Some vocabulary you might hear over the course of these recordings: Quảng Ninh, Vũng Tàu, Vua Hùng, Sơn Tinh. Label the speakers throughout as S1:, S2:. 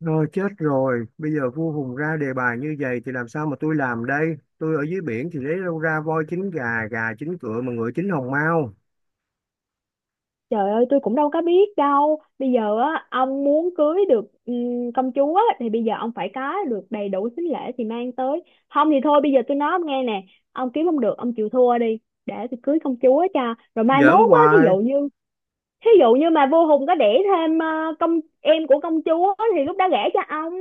S1: Rồi chết rồi, bây giờ vua Hùng ra đề bài như vậy thì làm sao mà tôi làm đây? Tôi ở dưới biển thì lấy đâu ra voi chín gà, gà chín cựa mà ngựa chín hồng mao.
S2: Trời ơi, tôi cũng đâu có biết đâu. Bây giờ á ông muốn cưới được công chúa á, thì bây giờ ông phải có được đầy đủ sính lễ thì mang tới. Không thì thôi, bây giờ tôi nói ông nghe nè. Ông kiếm không được ông chịu thua đi. Để tôi cưới công chúa cho. Rồi mai
S1: Giỡn
S2: mốt á, thí
S1: hoài.
S2: dụ như, thí dụ như mà vô Hùng có đẻ thêm công em của công chúa thì lúc đó gả cho ông.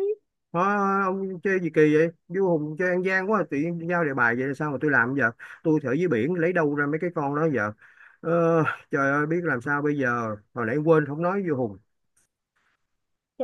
S1: Hả, ông chơi gì kỳ vậy? Vua Hùng chơi ăn gian quá, tự nhiên giao đề bài vậy là sao mà tôi làm giờ? Tôi thì ở dưới biển lấy đâu ra mấy cái con đó giờ? Ờ, Trời ơi, biết làm sao bây giờ, hồi nãy quên không nói vua Hùng.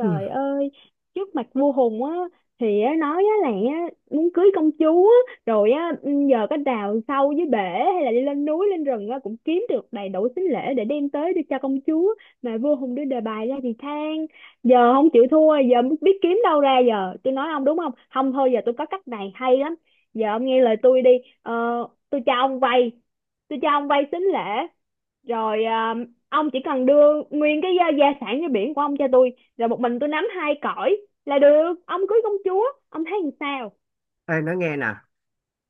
S1: Ừ.
S2: ơi, trước mặt vua Hùng á thì á, nói á là á, muốn cưới công chúa á, rồi á giờ có đào sâu dưới bể, hay là đi lên núi lên rừng á cũng kiếm được đầy đủ sính lễ để đem tới đưa cho công chúa, mà vua Hùng đưa đề bài ra thì than. Giờ không chịu thua, giờ biết kiếm đâu ra, giờ tôi nói ông đúng không? Không thôi giờ tôi có cách này hay lắm. Giờ ông nghe lời tôi đi. Ờ, tôi cho ông vay tôi cho ông vay sính lễ, rồi à, ông chỉ cần đưa nguyên cái gia sản như biển của ông cho tôi, rồi một mình tôi nắm hai cõi là được, ông cưới công chúa. Ông thấy làm sao?
S1: Ê, nói nghe nè,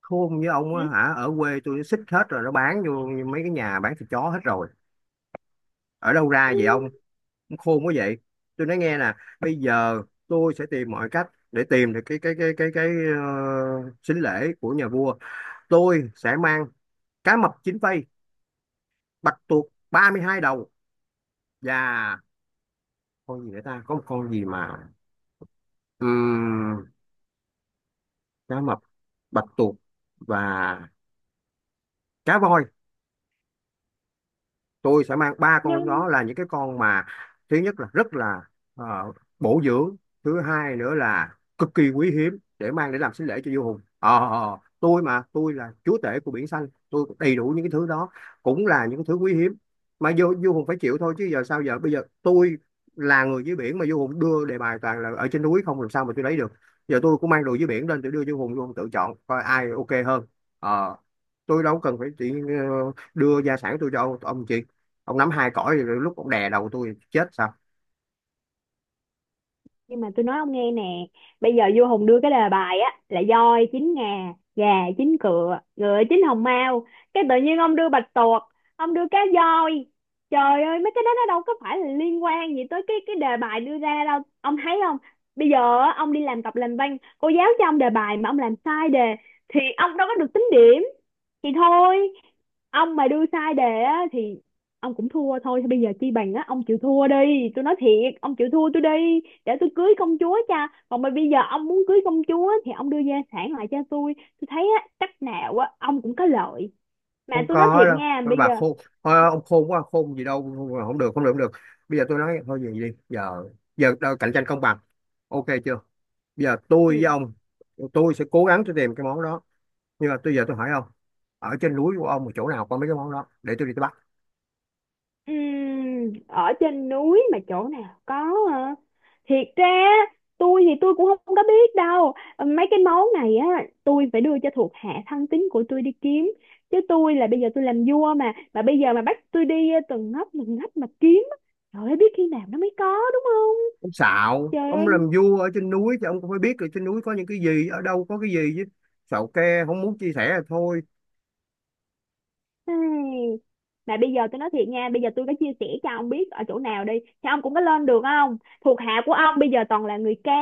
S1: khôn với ông
S2: Ừ.
S1: á hả, ở quê tôi nó xích hết rồi, nó bán vô mấy cái nhà bán thịt chó hết rồi. Ở đâu ra
S2: Ừ,
S1: vậy ông? Khôn quá vậy, tôi nói nghe nè. Bây giờ tôi sẽ tìm mọi cách để tìm được cái sính lễ của nhà vua. Tôi sẽ mang cá mập chín phây, bạch tuộc 32 đầu, và con gì nữa ta, có một con gì mà Ừm, cá mập, bạch tuộc, và cá voi. Tôi sẽ mang ba con
S2: nhưng
S1: đó, là những cái con mà thứ nhất là rất là ờ, bổ dưỡng, thứ hai nữa là cực kỳ quý hiếm để mang để làm sính lễ cho vua Hùng. Ờ, tôi mà, tôi là chúa tể của biển xanh, tôi có đầy đủ những cái thứ đó, cũng là những cái thứ quý hiếm mà vua vua Hùng phải chịu thôi. Chứ giờ sao, giờ bây giờ tôi là người dưới biển mà vua Hùng đưa đề bài toàn là ở trên núi không, làm sao mà tôi lấy được? Giờ tôi cũng mang đồ dưới biển lên, tôi đưa vua Hùng, vua Hùng tự chọn coi ai ok hơn. Ờ, tôi đâu cần phải chỉ đưa gia sản tôi cho ông, chị ông nắm hai cõi thì lúc ông đè đầu tôi chết sao?
S2: nhưng mà tôi nói ông nghe nè. Bây giờ vua Hùng đưa cái đề bài á là voi chín ngà, gà chín cựa, ngựa chín hồng mao, cái tự nhiên ông đưa bạch tuộc, ông đưa cá voi. Trời ơi, mấy cái đó nó đâu có phải là liên quan gì tới cái đề bài đưa ra đâu, ông thấy không? Bây giờ á, ông đi làm tập làm văn, cô giáo cho ông đề bài mà ông làm sai đề thì ông đâu có được tính điểm. Thì thôi, ông mà đưa sai đề á thì ông cũng thua thôi. Thì bây giờ chi bằng á ông chịu thua đi, tôi nói thiệt, ông chịu thua tôi đi, để tôi cưới công chúa cha còn. Mà bây giờ ông muốn cưới công chúa thì ông đưa gia sản lại cho tôi. Tôi thấy á, cách nào á, ông cũng có lợi, mà
S1: Không
S2: tôi nói
S1: có
S2: thiệt
S1: đâu.
S2: nha
S1: Nói
S2: bây
S1: bà
S2: giờ.
S1: khôn, thôi ông khôn quá, khôn gì đâu không, được không, được không, được Bây giờ tôi nói thôi vậy đi. Giờ giờ đâu, cạnh tranh công bằng, ok chưa? Bây giờ tôi với
S2: Ừ,
S1: ông, tôi sẽ cố gắng tôi tìm cái món đó, nhưng mà tôi giờ tôi hỏi ông, ở trên núi của ông mà chỗ nào có mấy cái món đó để tôi đi tôi bắt.
S2: ở trên núi mà chỗ nào có thiệt ra tôi thì tôi cũng không có biết đâu mấy cái món này á. Tôi phải đưa cho thuộc hạ thân tín của tôi đi kiếm, chứ tôi là bây giờ tôi làm vua mà bây giờ mà bắt tôi đi từng ngóc từng ngách mà kiếm á, trời ơi biết khi nào nó mới có, đúng không?
S1: Ông xạo,
S2: Trời
S1: ông
S2: ơi.
S1: làm vua ở trên núi thì ông cũng phải biết được trên núi có những cái gì, ở đâu có cái gì chứ. Xạo ke không muốn chia sẻ là thôi.
S2: Ây, mà bây giờ tôi nói thiệt nha, bây giờ tôi có chia sẻ cho ông biết ở chỗ nào đi, thì ông cũng có lên được không? Thuộc hạ của ông bây giờ toàn là người cá,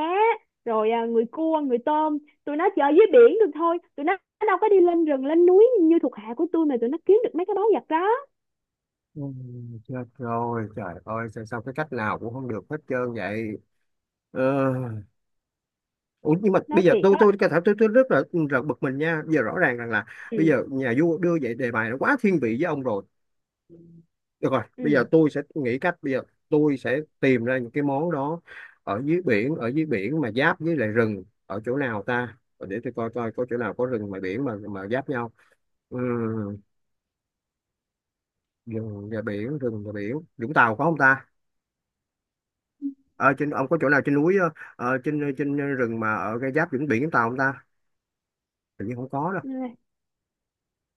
S2: rồi à, người cua, người tôm, tụi nó chơi dưới biển được thôi, tụi nó đâu có đi lên rừng, lên núi như thuộc hạ của tôi mà tụi nó kiếm được mấy cái báu vật đó,
S1: Ừ. Chết rồi, trời ơi, sao, sao cái cách nào cũng không được hết trơn vậy. Ờ, Ủa, nhưng mà
S2: nói
S1: bây giờ
S2: thiệt
S1: tôi
S2: á.
S1: tôi có thể tôi rất bực mình nha. Bây giờ rõ ràng rằng là
S2: Ừ,
S1: bây giờ nhà vua đưa vậy đề bài nó quá thiên vị với ông rồi. Được rồi, bây giờ
S2: ừ,
S1: tôi sẽ nghĩ cách, bây giờ tôi sẽ tìm ra những cái món đó ở dưới biển. Ở dưới biển mà giáp với lại rừng ở chỗ nào ta? Ờ, Để tôi coi coi có chỗ nào có rừng mà biển mà giáp nhau. Ừ, rừng và biển, rừng và biển. Vũng Tàu có không ta? Ờ, Trên ông có chỗ nào trên núi, trên trên rừng mà ở cái giáp vĩnh biển chúng ta không ta? Tự nhiên không có đâu.
S2: ừ,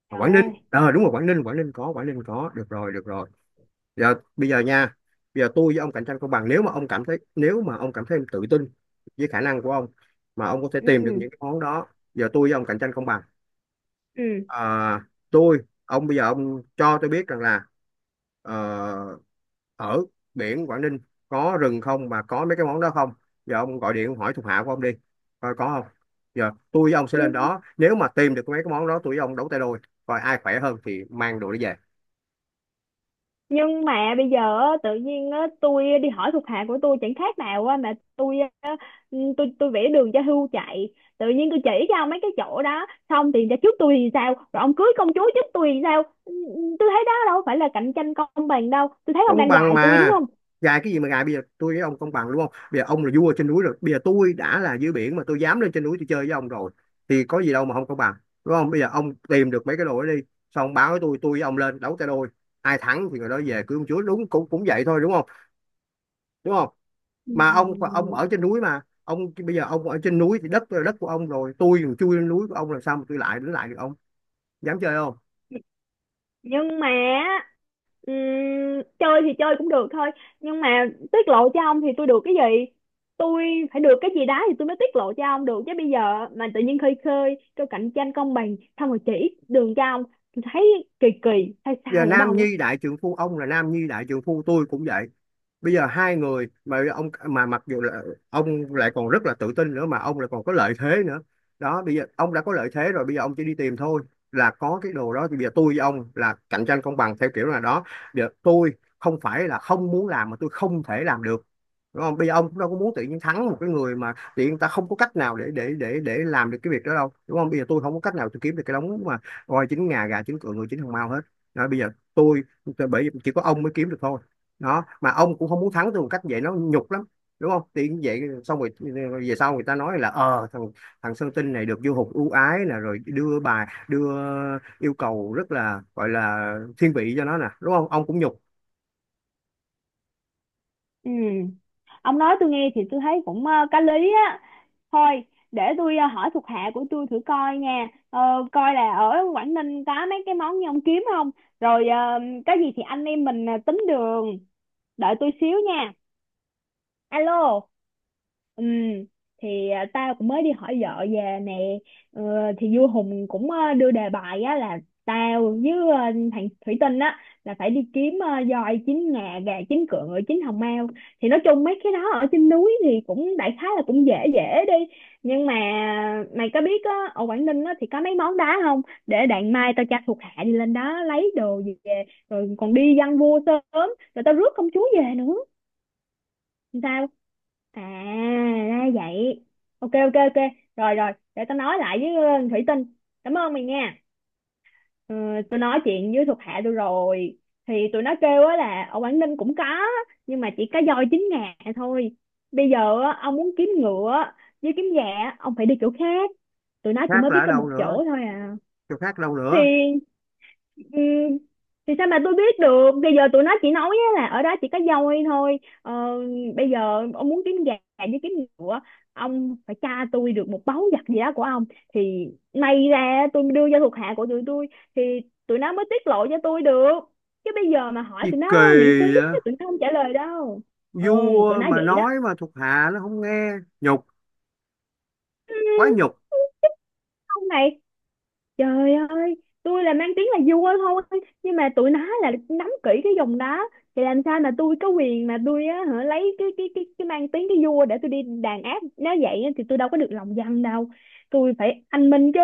S1: Ở
S2: trời
S1: Quảng Ninh.
S2: ơi,
S1: Ờ đúng rồi, Quảng Ninh, Quảng Ninh có, Quảng Ninh có. Được rồi, được rồi. Giờ bây giờ nha. Bây giờ tôi với ông cạnh tranh công bằng, nếu mà ông cảm thấy nếu mà ông cảm thấy em tự tin với khả năng của ông mà ông có thể tìm được những cái món đó. Giờ tôi với ông cạnh tranh công bằng.
S2: ừ,
S1: À, tôi ông bây giờ ông cho tôi biết rằng là ờ, ở biển Quảng Ninh có rừng không mà có mấy cái món đó không? Giờ ông gọi điện ông hỏi thuộc hạ của ông đi coi có không. Giờ tôi với ông sẽ
S2: ừ.
S1: lên đó, nếu mà tìm được mấy cái món đó, tôi với ông đấu tay đôi coi ai khỏe hơn thì mang đồ đi về.
S2: Nhưng mà bây giờ á, tự nhiên á, tôi đi hỏi thuộc hạ của tôi chẳng khác nào á, mà tôi á, ừ, tôi vẽ đường cho hươu chạy. Tự nhiên tôi chỉ cho ông mấy cái chỗ đó xong thì cho trước tôi thì sao, rồi ông cưới công chúa trước tôi thì sao? Ừ, ừ, tôi thấy đó đâu phải là cạnh tranh công bằng đâu, tôi thấy ông
S1: Công
S2: đang
S1: bằng
S2: gài tôi đúng
S1: mà,
S2: không?
S1: gài cái gì mà gài? Bây giờ tôi với ông công bằng đúng không? Bây giờ ông là vua trên núi rồi, bây giờ tôi đã là dưới biển mà tôi dám lên trên núi tôi chơi với ông rồi, thì có gì đâu mà không công bằng? Đúng không? Bây giờ ông tìm được mấy cái đồ đó đi, xong ông báo với tôi với ông lên đấu tay đôi, ai thắng thì người đó về cưới ông chúa, đúng, cũng cũng vậy thôi đúng không? Đúng không?
S2: Ừ,
S1: Mà ông ở trên núi mà ông, bây giờ ông ở trên núi thì đất là đất của ông rồi, tôi còn chui lên núi của ông, làm sao mà tôi lại đến lại được ông? Dám chơi không?
S2: nhưng mà ừm, chơi thì chơi cũng được thôi, nhưng mà tiết lộ cho ông thì tôi được cái gì? Tôi phải được cái gì đó thì tôi mới tiết lộ cho ông được chứ. Bây giờ mà tự nhiên khơi khơi kêu cạnh tranh công bằng xong rồi chỉ đường cho ông, tôi thấy kỳ kỳ, hay
S1: Giờ
S2: sai ở đâu
S1: nam
S2: á.
S1: nhi đại trượng phu, ông là nam nhi đại trượng phu, tôi cũng vậy. Bây giờ hai người mà ông, mà mặc dù là ông lại còn rất là tự tin nữa mà ông lại còn có lợi thế nữa đó. Bây giờ ông đã có lợi thế rồi, bây giờ ông chỉ đi tìm thôi là có cái đồ đó, thì bây giờ tôi với ông là cạnh tranh công bằng theo kiểu là đó. Giờ tôi không phải là không muốn làm mà tôi không thể làm được, đúng không? Bây giờ ông cũng đâu có muốn tự nhiên thắng một cái người mà tự nhiên ta không có cách nào để làm được cái việc đó đâu, đúng không? Bây giờ tôi không có cách nào tôi kiếm được cái đống mà voi chín ngà, gà chín cựa, người chín hồng mao hết. Đó, bây giờ tôi bởi vì chỉ có ông mới kiếm được thôi, đó, mà ông cũng không muốn thắng tôi một cách vậy nó nhục lắm, đúng không? Thì vậy xong rồi, về sau người ta nói là, ờ, thằng thằng Sơn Tinh này được vua hục ưu ái nè, rồi đưa yêu cầu rất là, gọi là thiên vị cho nó nè, đúng không? Ông cũng nhục.
S2: Ừ. Ông nói tôi nghe thì tôi thấy cũng có lý á. Thôi để tôi hỏi thuộc hạ của tôi thử coi nha. Ờ, coi là ở Quảng Ninh có mấy cái món như ông kiếm không, rồi có gì thì anh em mình tính đường. Đợi tôi xíu nha. Alo. Ừ, thì à, tao cũng mới đi hỏi vợ về nè. Ờ, thì vua Hùng cũng đưa đề bài á là tao với thằng Thủy Tinh á là phải đi kiếm voi chín ngà, gà chín cựa, ngựa chín hồng mao. Thì nói chung mấy cái đó ở trên núi thì cũng đại khái là cũng dễ dễ đi. Nhưng mà mày có biết á ở Quảng Ninh á thì có mấy món đá không, để đặng mai tao cho thuộc hạ đi lên đó lấy đồ về, rồi còn đi văn vua sớm rồi tao rước công chúa về nữa. Sao? À, ra vậy. Ok, ok, ok. Rồi, rồi, để tao nói lại với Thủy Tinh. Cảm ơn mày nha. Ừ, tôi nói chuyện với thuộc hạ tôi rồi, thì tụi nó kêu á là ở Quảng Ninh cũng có, nhưng mà chỉ có voi chín ngà thôi. Bây giờ á, ông muốn kiếm ngựa với kiếm gà á, ông phải đi chỗ khác. Tụi
S1: Chỗ
S2: nó chỉ
S1: khác
S2: mới
S1: là
S2: biết
S1: ở
S2: có một
S1: đâu nữa?
S2: chỗ thôi à.
S1: Chỗ khác đâu
S2: Thì
S1: nữa?
S2: ừ, thì sao mà tôi biết được, bây giờ tụi nó chỉ nói á là ở đó chỉ có voi thôi. Ờ, Bây giờ ông muốn kiếm gà với kiếm ngựa, ông phải tra tôi được một báu vật gì đó của ông thì may ra tôi đưa cho thuộc hạ của tụi tôi, thì tụi nó mới tiết lộ cho tôi được. Chứ bây giờ mà hỏi
S1: Gì
S2: tụi
S1: kỳ
S2: nó miễn phí
S1: vậy?
S2: tụi nó không trả lời đâu. Ừ, tụi
S1: Vua
S2: nó
S1: mà
S2: vậy đó
S1: nói mà thuộc hạ nó không nghe. Nhục, quá nhục.
S2: ông này. Trời ơi, tôi là mang tiếng là vua thôi, nhưng mà tụi nó là nắm kỹ cái vùng đó, thì làm sao mà tôi có quyền mà tôi á, hả, lấy cái mang tiếng cái vua để tôi đi đàn áp, nếu vậy á, thì tôi đâu có được lòng dân đâu. Tôi phải anh minh chứ.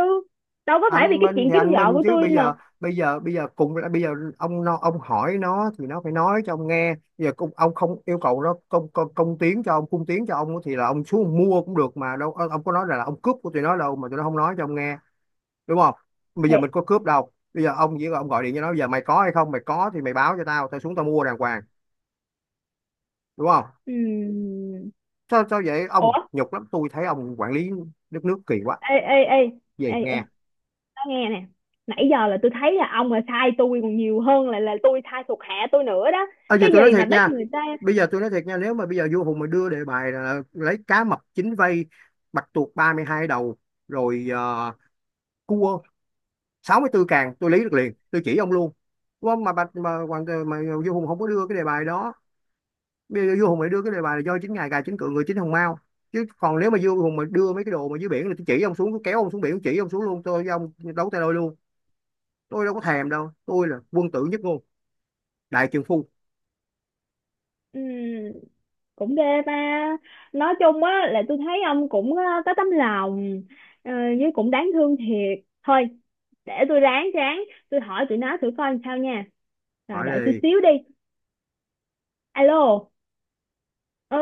S2: Đâu có phải vì
S1: Anh
S2: cái
S1: Minh
S2: chuyện
S1: thì
S2: kiếm
S1: anh
S2: vợ
S1: Minh,
S2: của
S1: chứ
S2: tôi
S1: bây
S2: mà.
S1: giờ, bây giờ cùng là bây giờ ông nó, ông hỏi nó thì nó phải nói cho ông nghe. Bây giờ cũng ông không yêu cầu nó công công, công tiến cho ông cung tiến cho ông, thì là ông xuống ông mua cũng được mà đâu. Ờ, ông có nói là ông cướp của tụi nó đâu mà tụi nó không nói cho ông nghe? Đúng không? Bây
S2: Thì
S1: giờ mình có cướp đâu, bây giờ ông chỉ ông gọi điện cho nó, bây giờ mày có hay không, mày có thì mày báo cho tao, tao xuống tao mua đàng hoàng. Đúng không?
S2: ừm,
S1: Sao, sao vậy
S2: ủa,
S1: ông? Nhục lắm. Tôi thấy ông quản lý đất nước kỳ quá.
S2: ê ê ê
S1: Về
S2: ê ê,
S1: nghe.
S2: tao nghe nè. Nãy giờ là tôi thấy là ông là sai tôi còn nhiều hơn là tôi sai thuộc hạ tôi nữa đó.
S1: À, giờ
S2: Cái
S1: tôi nói
S2: gì mà
S1: thiệt
S2: bắt
S1: nha.
S2: người ta.
S1: Bây giờ tôi nói thiệt nha, nếu mà bây giờ vua Hùng mà đưa đề bài là lấy cá mập chín vây, bạch tuộc 32 đầu, rồi cua 64 càng, tôi lấy được liền, tôi chỉ ông luôn, đúng không? Mà bạch mà, hoàng mà, vua Hùng không có đưa cái đề bài đó. Bây giờ vua Hùng lại đưa cái đề bài là do chính ngài, gài chính cựa, người chính hồng mao. Chứ còn nếu mà vua Hùng mà đưa mấy cái đồ mà dưới biển, là tôi chỉ ông xuống, tôi kéo ông xuống biển, tôi chỉ ông xuống luôn, tôi với ông đấu tay đôi luôn. Tôi đâu có thèm đâu, tôi là quân tử nhất ngôn đại trượng phu.
S2: Ừ, cũng ghê ta. Nói chung á là tôi thấy ông cũng có tấm lòng ờ, với cũng đáng thương thiệt. Thôi để tôi ráng ráng tôi hỏi tụi nó thử coi làm sao nha, rồi
S1: Hỏi
S2: đợi tôi
S1: đi.
S2: xíu đi. Alo. ờ,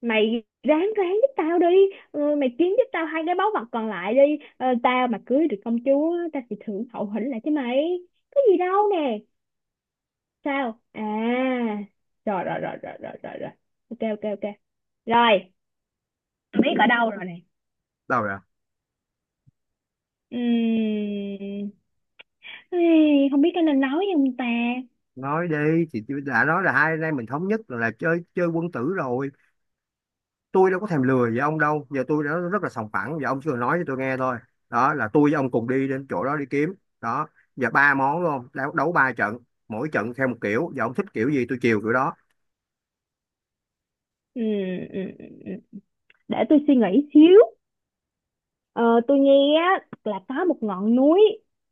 S2: mày ráng ráng giúp tao đi. Mày kiếm giúp tao hai cái báu vật còn lại đi. Ờ, tao mà cưới được công chúa tao sẽ thưởng hậu hĩnh lại cho mày. Có gì đâu nè. Sao? À, rồi rồi rồi rồi rồi rồi rồi, ok ok ok, rồi biết ở đâu rồi nè.
S1: Đâu rồi?
S2: Ừm, Ê, không biết có nên nói không ta?
S1: Nói đi, thì tôi đã nói là hai anh em mình thống nhất là, chơi chơi quân tử rồi, tôi đâu có thèm lừa với ông đâu. Giờ tôi đã rất là sòng phẳng, giờ ông chỉ cần nói cho tôi nghe thôi. Đó là tôi với ông cùng đi đến chỗ đó đi kiếm, đó. Giờ ba món đúng không, đấu, đấu ba trận, mỗi trận theo một kiểu, giờ ông thích kiểu gì tôi chiều kiểu đó.
S2: Ừm, ừm, ừm, ừm. Để tôi suy nghĩ xíu. Ờ, tôi nghe á, là có một ngọn núi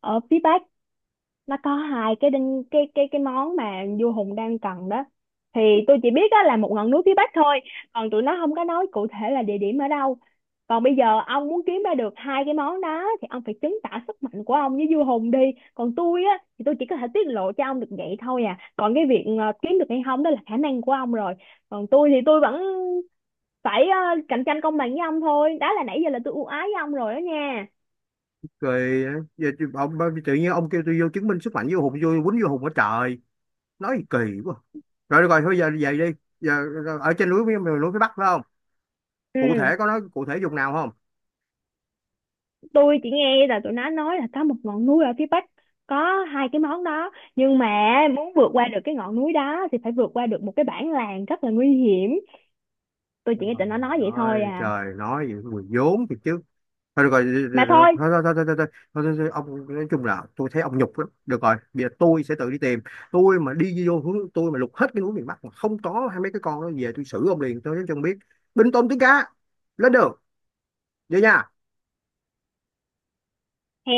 S2: ở phía Bắc, nó có hai cái đinh cái món mà vua Hùng đang cần đó. Thì tôi chỉ biết đó là một ngọn núi phía Bắc thôi. Còn tụi nó không có nói cụ thể là địa điểm ở đâu. Còn bây giờ ông muốn kiếm ra được hai cái món đó thì ông phải chứng tỏ sức mạnh của ông với vua Hùng đi. Còn tôi á thì tôi chỉ có thể tiết lộ cho ông được vậy thôi à. Còn cái việc kiếm được hay không đó là khả năng của ông rồi. Còn tôi thì tôi vẫn phải cạnh tranh công bằng với ông thôi, đó là nãy giờ là tôi ưu ái với ông rồi đó nha.
S1: Rồi giờ, ông tự nhiên ông kêu tôi vô chứng minh sức mạnh với hùng vô quýnh vô hùng ở trời, nói kỳ quá. Rồi được rồi thôi, giờ về đi. Giờ, ở trên núi miền miền núi phía Bắc phải không? Cụ
S2: Ừ,
S1: thể có nói cụ thể vùng nào không?
S2: tôi chỉ nghe là tụi nó nói là có một ngọn núi ở phía Bắc có hai cái món đó, nhưng mà muốn vượt qua được cái ngọn núi đó thì phải vượt qua được một cái bản làng rất là nguy hiểm. Tôi
S1: Trời
S2: chỉ nghe tụi nó nói vậy thôi
S1: ơi,
S2: à.
S1: trời nói gì mùi vốn thì chứ. Thôi được rồi, rồi-
S2: Mà thôi,
S1: rồi- rồi, thôi thôi thôi thôi thôi thôi thôi thôi, thôi, ông nói chung là tôi thấy ông nhục lắm. Được rồi, bây giờ tôi sẽ tự đi tìm. Tôi mà đi vô hướng, tôi mà lục hết cái núi miền Bắc mà không có hai mấy cái con đó về, tôi xử ông liền, tôi nói cho ông biết. Binh tôm tướng cá, lên đường, vậy nha.
S2: hè.